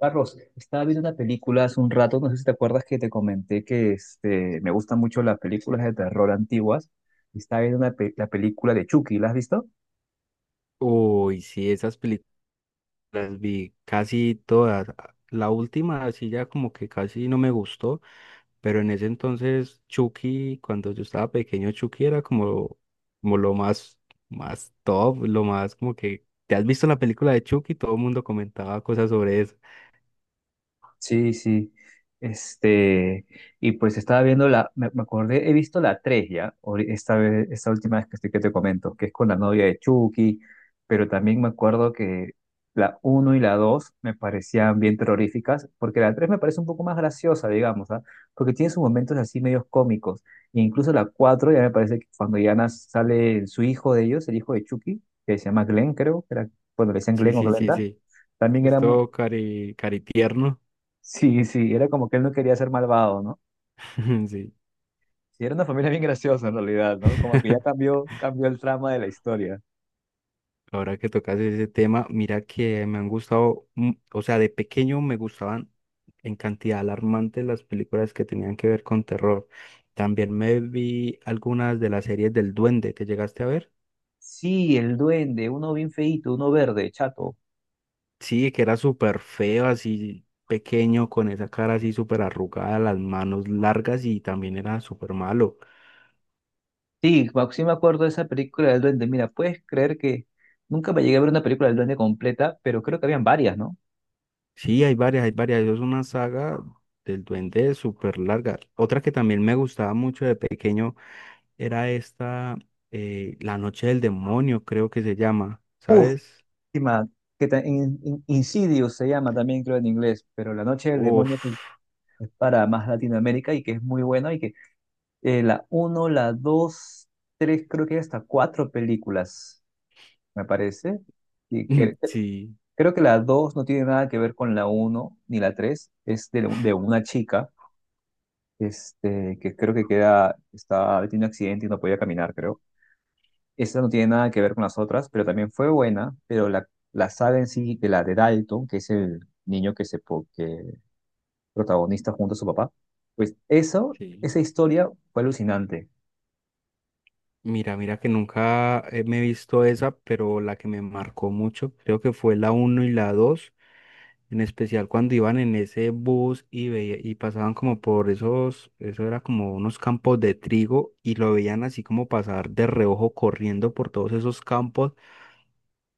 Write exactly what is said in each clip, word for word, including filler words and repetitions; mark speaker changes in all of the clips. Speaker 1: Carlos, estaba viendo una película hace un rato, no sé si te acuerdas que te comenté que este, me gustan mucho las películas de terror antiguas. Estaba viendo una pe- la película de Chucky, ¿la has visto?
Speaker 2: Uy, sí, esas películas las vi casi todas. La última, así ya como que casi no me gustó, pero en ese entonces Chucky, cuando yo estaba pequeño, Chucky era como, como lo más, más top, lo más como que, ¿te has visto la película de Chucky? Todo el mundo comentaba cosas sobre eso.
Speaker 1: Sí, sí. Este, y pues estaba viendo la, me, me acordé, he visto la tres ya, ori- esta vez, esta última vez que estoy que te comento, que es con la novia de Chucky, pero también me acuerdo que la uno y la dos me parecían bien terroríficas, porque la tres me parece un poco más graciosa, digamos, ¿ah? Porque tiene sus momentos así medios cómicos, e incluso la cuatro ya me parece que cuando ya nas- sale su hijo de ellos, el hijo de Chucky, que se llama Glenn, creo, que era, bueno, le decían
Speaker 2: Sí,
Speaker 1: Glenn o
Speaker 2: sí, sí,
Speaker 1: Glenda,
Speaker 2: sí.
Speaker 1: también era.
Speaker 2: Esto cari, cari tierno.
Speaker 1: Sí, sí, era como que él no quería ser malvado, ¿no?
Speaker 2: Sí.
Speaker 1: Sí, era una familia bien graciosa en realidad, ¿no? Como que ya cambió, cambió el trama de la historia.
Speaker 2: Ahora que tocas ese tema, mira que me han gustado, mm, o sea, de pequeño me gustaban en cantidad alarmante las películas que tenían que ver con terror. También me vi algunas de las series del Duende, ¿te llegaste a ver?
Speaker 1: Sí, el duende, uno bien feíto, uno verde, chato.
Speaker 2: Sí, que era súper feo, así pequeño, con esa cara así súper arrugada, las manos largas y también era súper malo.
Speaker 1: Sí, me- sí me acuerdo de esa película del duende. Mira, puedes creer que nunca me llegué a ver una película del duende completa, pero creo que habían varias, ¿no?
Speaker 2: Sí, hay varias, hay varias. Eso es una saga del Duende súper larga. Otra que también me gustaba mucho de pequeño era esta, eh, La Noche del Demonio, creo que se llama,
Speaker 1: Uf,
Speaker 2: ¿sabes?
Speaker 1: última, que ta- in- in- Insidious se llama también, creo, en inglés, pero La Noche del Demonio es,
Speaker 2: Uf,
Speaker 1: es para más Latinoamérica y que es muy bueno y que eh, la uno, la dos, tres, creo que hay hasta cuatro películas, me parece. Y cre- cre-
Speaker 2: sí,
Speaker 1: creo que la dos no tiene nada que ver con la uno ni la tres. Es de, de una chica, este, que creo que queda, está, tiene un accidente y no podía caminar, creo. Esa no tiene nada que ver con las otras, pero también fue buena, pero la, la saga en sí, de la de Dalton, que es el niño que se po- que protagonista junto a su papá, pues eso,
Speaker 2: sí.
Speaker 1: esa historia fue alucinante.
Speaker 2: Mira, mira que nunca eh, me he visto esa, pero la que me marcó mucho, creo que fue la uno y la dos, en especial cuando iban en ese bus y veía, y pasaban como por esos, eso era como unos campos de trigo y lo veían así como pasar de reojo corriendo por todos esos campos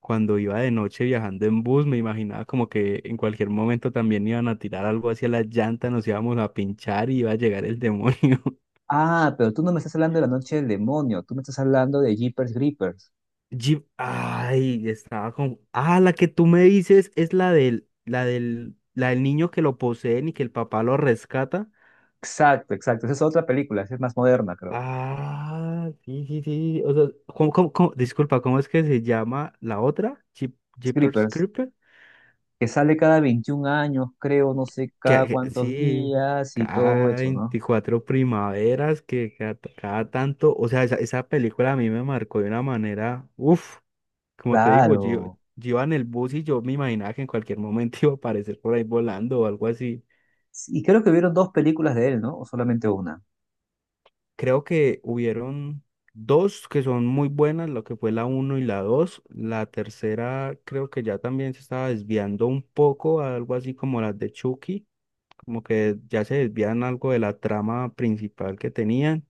Speaker 2: cuando iba de noche viajando en bus. Me imaginaba como que en cualquier momento también iban a tirar algo hacia la llanta, nos íbamos a pinchar y iba a llegar el demonio.
Speaker 1: Ah, pero tú no me estás hablando de La Noche del Demonio, tú me estás hablando de Jeepers Creepers.
Speaker 2: Jeep, ay, estaba con. Ah, la que tú me dices es la del, la del, la del niño que lo poseen y que el papá lo rescata.
Speaker 1: Exacto, exacto. Esa es otra película, esa es más moderna, creo.
Speaker 2: Ah, sí, sí, sí. O sea, ¿cómo, cómo, cómo? Disculpa, ¿cómo es que se llama la otra? Jeep,
Speaker 1: Jeepers
Speaker 2: Jeepers
Speaker 1: Creepers,
Speaker 2: Creepers.
Speaker 1: que sale cada veintiún años, creo, no sé cada
Speaker 2: Que, que-
Speaker 1: cuántos
Speaker 2: sí,
Speaker 1: días y todo
Speaker 2: cada
Speaker 1: eso, ¿no?
Speaker 2: veinticuatro primaveras, que cada, cada tanto, o sea, esa, esa película a mí me marcó de una manera, uff, como te digo, yo,
Speaker 1: Claro.
Speaker 2: yo iba en el bus y yo me imaginaba que en cualquier momento iba a aparecer por ahí volando o algo así.
Speaker 1: Sí, y creo que vieron dos películas de él, ¿no? O solamente una.
Speaker 2: Creo que hubieron dos que son muy buenas, lo que fue la uno y la dos. La tercera creo que ya también se estaba desviando un poco a algo así como las de Chucky, como que ya se desvían algo de la trama principal que tenían.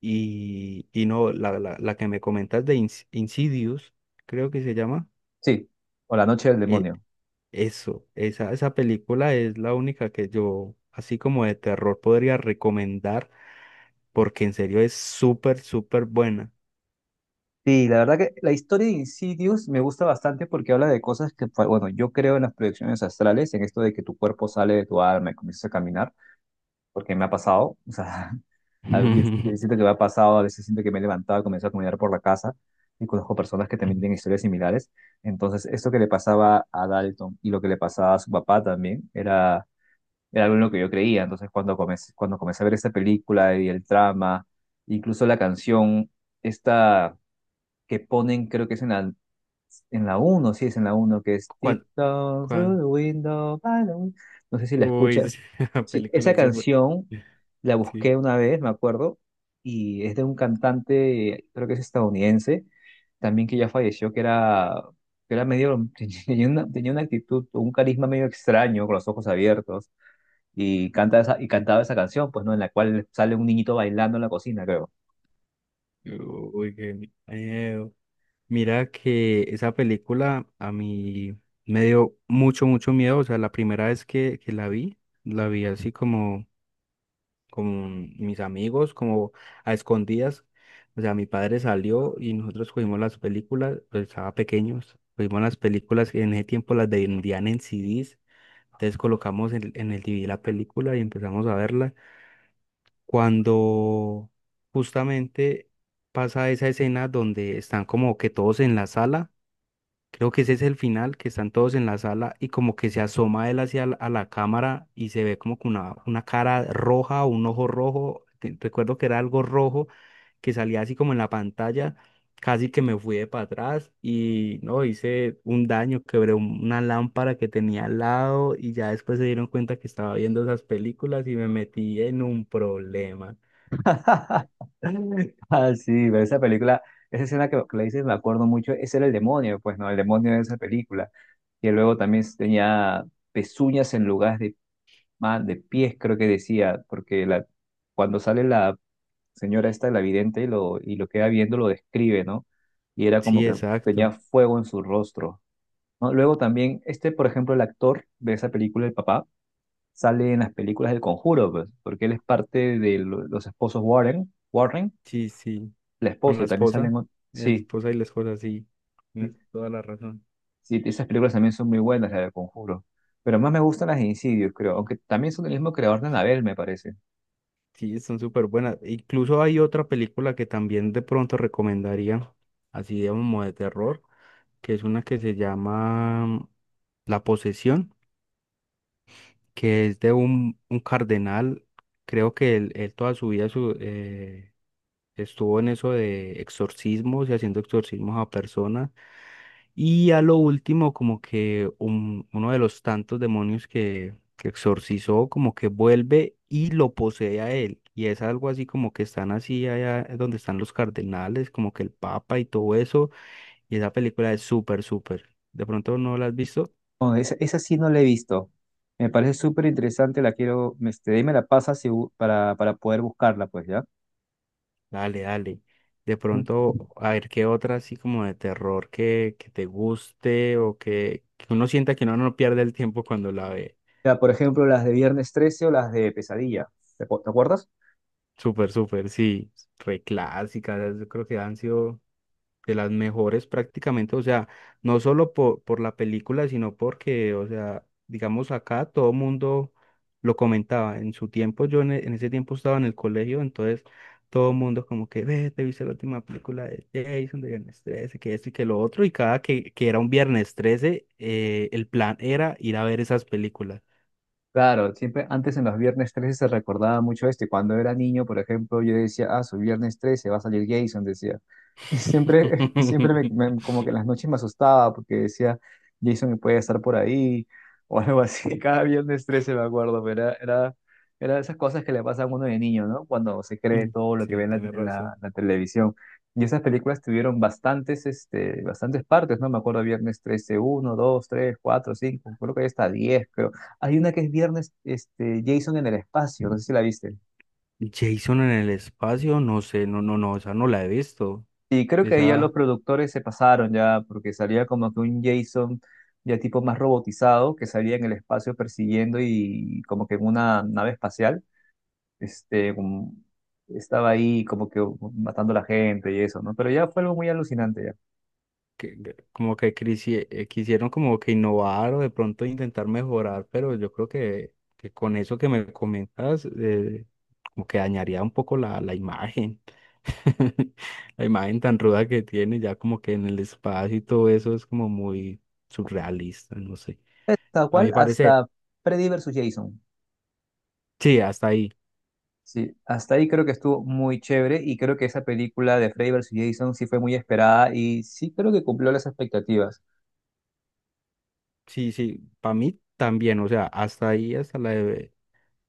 Speaker 2: Y, y no, la, la, la que me comentas de Ins- Insidious, creo que se llama.
Speaker 1: Sí, o La Noche del
Speaker 2: eh,
Speaker 1: Demonio.
Speaker 2: eso, esa, esa película es la única que yo, así como de terror, podría recomendar porque en serio es súper, súper buena.
Speaker 1: Sí, la verdad que la historia de Insidious me gusta bastante porque habla de cosas que, pues, bueno, yo creo en las proyecciones astrales, en esto de que tu cuerpo sale de tu alma y comienzas a caminar. Porque me ha pasado, o sea, a veces siento que me ha pasado, a veces siento que me he levantado, comienzo a caminar por la casa y conozco personas que también tienen historias similares. Entonces, esto que le pasaba a Dalton y lo que le pasaba a su papá también era, era algo en lo que yo creía. Entonces, cuando comencé, cuando comencé a ver esta película y el trama, incluso la canción, esta que ponen, creo que es en la, en la uno, sí, es en la uno que es
Speaker 2: ¿Cuál?
Speaker 1: "Tiptoe through
Speaker 2: ¿Cuál?
Speaker 1: the window. By the win-". No sé si la
Speaker 2: Uy,
Speaker 1: escuchas.
Speaker 2: esa
Speaker 1: Sí,
Speaker 2: película
Speaker 1: esa
Speaker 2: es súper.
Speaker 1: canción la
Speaker 2: Sí.
Speaker 1: busqué una vez, me acuerdo, y es de un cantante, creo que es estadounidense, también que ya falleció, que era, que era medio, tenía una, tenía una actitud, un carisma medio extraño, con los ojos abiertos, y canta esa, y cantaba esa canción, pues, ¿no? En la cual sale un niñito bailando en la cocina, creo.
Speaker 2: Uy, qué miedo. Mira que esa película a mí me dio mucho, mucho miedo. O sea, la primera vez que, que la vi, la vi así como con mis amigos, como a escondidas. O sea, mi padre salió y nosotros cogimos las películas, pues estaba pequeños, cogimos las películas, en ese tiempo las vendían en c CDs. Entonces colocamos en, en el D V D la película y empezamos a verla. Cuando justamente pasa esa escena donde están como que todos en la sala. Creo que ese es el final, que están todos en la sala y como que se asoma él hacia la, a la cámara y se ve como que una, una cara roja, un ojo rojo. te- Recuerdo que era algo rojo que salía así como en la pantalla. Casi que me fui de para atrás y no hice un daño, quebré un- una lámpara que tenía al lado y ya después se dieron cuenta que estaba viendo esas películas y me metí en un problema.
Speaker 1: Ah, sí, pero esa película, esa escena que, que le dices, me acuerdo mucho, ese era el demonio, pues, ¿no? El demonio de esa película. Y luego también tenía pezuñas en lugar de, ma- de pies, creo que decía, porque la, cuando sale la señora esta, la vidente, y lo, y lo queda viendo, lo describe, ¿no? Y era como
Speaker 2: Sí,
Speaker 1: que tenía
Speaker 2: exacto.
Speaker 1: fuego en su rostro, ¿no? Luego también, este, por ejemplo, el actor de esa película, el papá, sale en las películas del Conjuro, pues, porque él es parte de lo- los esposos Warren, Warren,
Speaker 2: Sí, sí.
Speaker 1: la
Speaker 2: Con
Speaker 1: esposa,
Speaker 2: la
Speaker 1: y también salen.
Speaker 2: esposa,
Speaker 1: ot-
Speaker 2: la
Speaker 1: Sí,
Speaker 2: esposa y la esposa, sí.
Speaker 1: sí,
Speaker 2: Tienes toda la razón.
Speaker 1: sí, esas películas también son muy buenas, la del Conjuro. Pero más me gustan las de Insidious, creo. Aunque también son del mismo creador de Annabelle, me parece.
Speaker 2: Sí, son súper buenas. Incluso hay otra película que también de pronto recomendaría, así digamos, como de terror, que es una que se llama mm, La Posesión, que es de un, un cardenal. Creo que él, él toda su vida su- eh, estuvo en eso de exorcismos y haciendo exorcismos a personas. Y a lo último, como que un- uno de los tantos demonios que, que exorcizó, como que vuelve y lo posee a él. Y es algo así como que están así allá donde están los cardenales, como que el papa y todo eso. Y esa película es súper, súper. ¿De pronto no la has visto?
Speaker 1: No, esa, esa sí no la he visto. Me parece súper interesante, la quiero. Me- Este, de ahí me la pasas y bu- para, para poder buscarla, pues, ¿ya?
Speaker 2: Dale, dale. De
Speaker 1: Ujú.
Speaker 2: pronto, a ver qué otra así como de terror que, que te guste o que, que uno sienta que uno no pierde el tiempo cuando la ve.
Speaker 1: Ya, por ejemplo, las de Viernes trece o las de Pesadilla. ¿Te, acu- te acuerdas?
Speaker 2: Súper, súper, sí. Reclásicas, yo creo que han sido de las mejores prácticamente, o sea, no solo por, por la película, sino porque, o sea, digamos acá todo el mundo lo comentaba. En su tiempo, yo en, e- en ese tiempo estaba en el colegio, entonces todo el mundo como que, ve, te viste la última película de Jason, de Viernes trece, que esto y que lo otro, y cada que, que era un Viernes trece, eh, el plan era ir a ver esas películas.
Speaker 1: Claro, siempre antes en los viernes trece se recordaba mucho esto. Y cuando era niño, por ejemplo, yo decía, ah, su viernes trece va a salir Jason, decía. Y siempre, y siempre me, me- como que en las noches me asustaba porque decía, Jason puede estar por ahí o algo así. Cada viernes trece me acuerdo, pero era, era, era de esas cosas que le pasan a uno de niño, ¿no? Cuando se cree
Speaker 2: Mm,
Speaker 1: todo lo que ve
Speaker 2: sí,
Speaker 1: en la,
Speaker 2: tiene
Speaker 1: en la,
Speaker 2: razón.
Speaker 1: la televisión. Y esas películas tuvieron bastantes, este, bastantes partes, ¿no? Me acuerdo viernes trece uno, dos, tres, cuatro, cinco, creo que hay hasta diez, hay una que es viernes, este, Jason en el espacio, no sé si la viste.
Speaker 2: Jason en el espacio, no sé, no, no, no, esa no la he visto.
Speaker 1: Y creo que ahí ya los
Speaker 2: Esa
Speaker 1: productores se pasaron ya, porque salía como que un Jason ya tipo más robotizado, que salía en el espacio persiguiendo y como que en una nave espacial, este, como- estaba ahí como que matando a la gente y eso, ¿no? Pero ya fue algo muy alucinante ya.
Speaker 2: que, que- como que crisie- eh, quisieron como que innovar o de pronto intentar mejorar, pero yo creo que, que con eso que me comentas, eh, como que dañaría un poco la, la imagen, la imagen tan ruda que tiene, ya como que en el espacio y todo eso es como muy surrealista, no sé,
Speaker 1: Hasta
Speaker 2: a
Speaker 1: cual,
Speaker 2: mi parecer,
Speaker 1: hasta Freddy versus Jason.
Speaker 2: sí, hasta ahí,
Speaker 1: Sí, hasta ahí creo que estuvo muy chévere y creo que esa película de Freddy versus Jason sí fue muy esperada y sí creo que cumplió las expectativas.
Speaker 2: sí, sí, para mí también, o sea, hasta ahí, hasta la,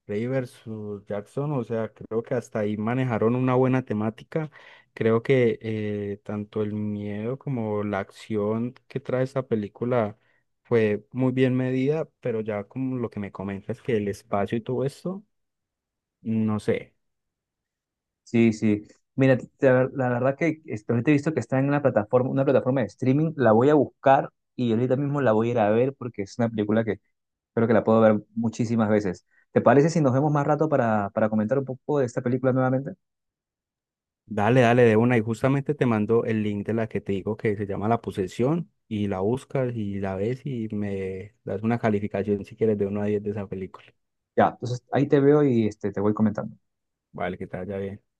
Speaker 2: Rey versus Jackson, o sea, creo que hasta ahí manejaron una buena temática. Creo que eh, tanto el miedo como la acción que trae esta película fue muy bien medida, pero ya como lo que me comentas que el espacio y todo esto, no sé.
Speaker 1: Sí, sí. Mira, t- te- la verdad que este, ahorita he visto que está en una plataforma, una plataforma de streaming, la voy a buscar y ahorita mismo la voy a ir a ver porque es una película que creo que la puedo ver muchísimas veces. ¿Te parece si nos vemos más rato para, para comentar un poco de esta película nuevamente?
Speaker 2: Dale, dale de una y justamente te mando el link de la que te digo que se llama La Posesión y la buscas y la ves y me das una calificación si quieres de uno a diez de esa película.
Speaker 1: Ya, entonces ahí te veo y este, te voy comentando.
Speaker 2: Vale, que te vaya bien.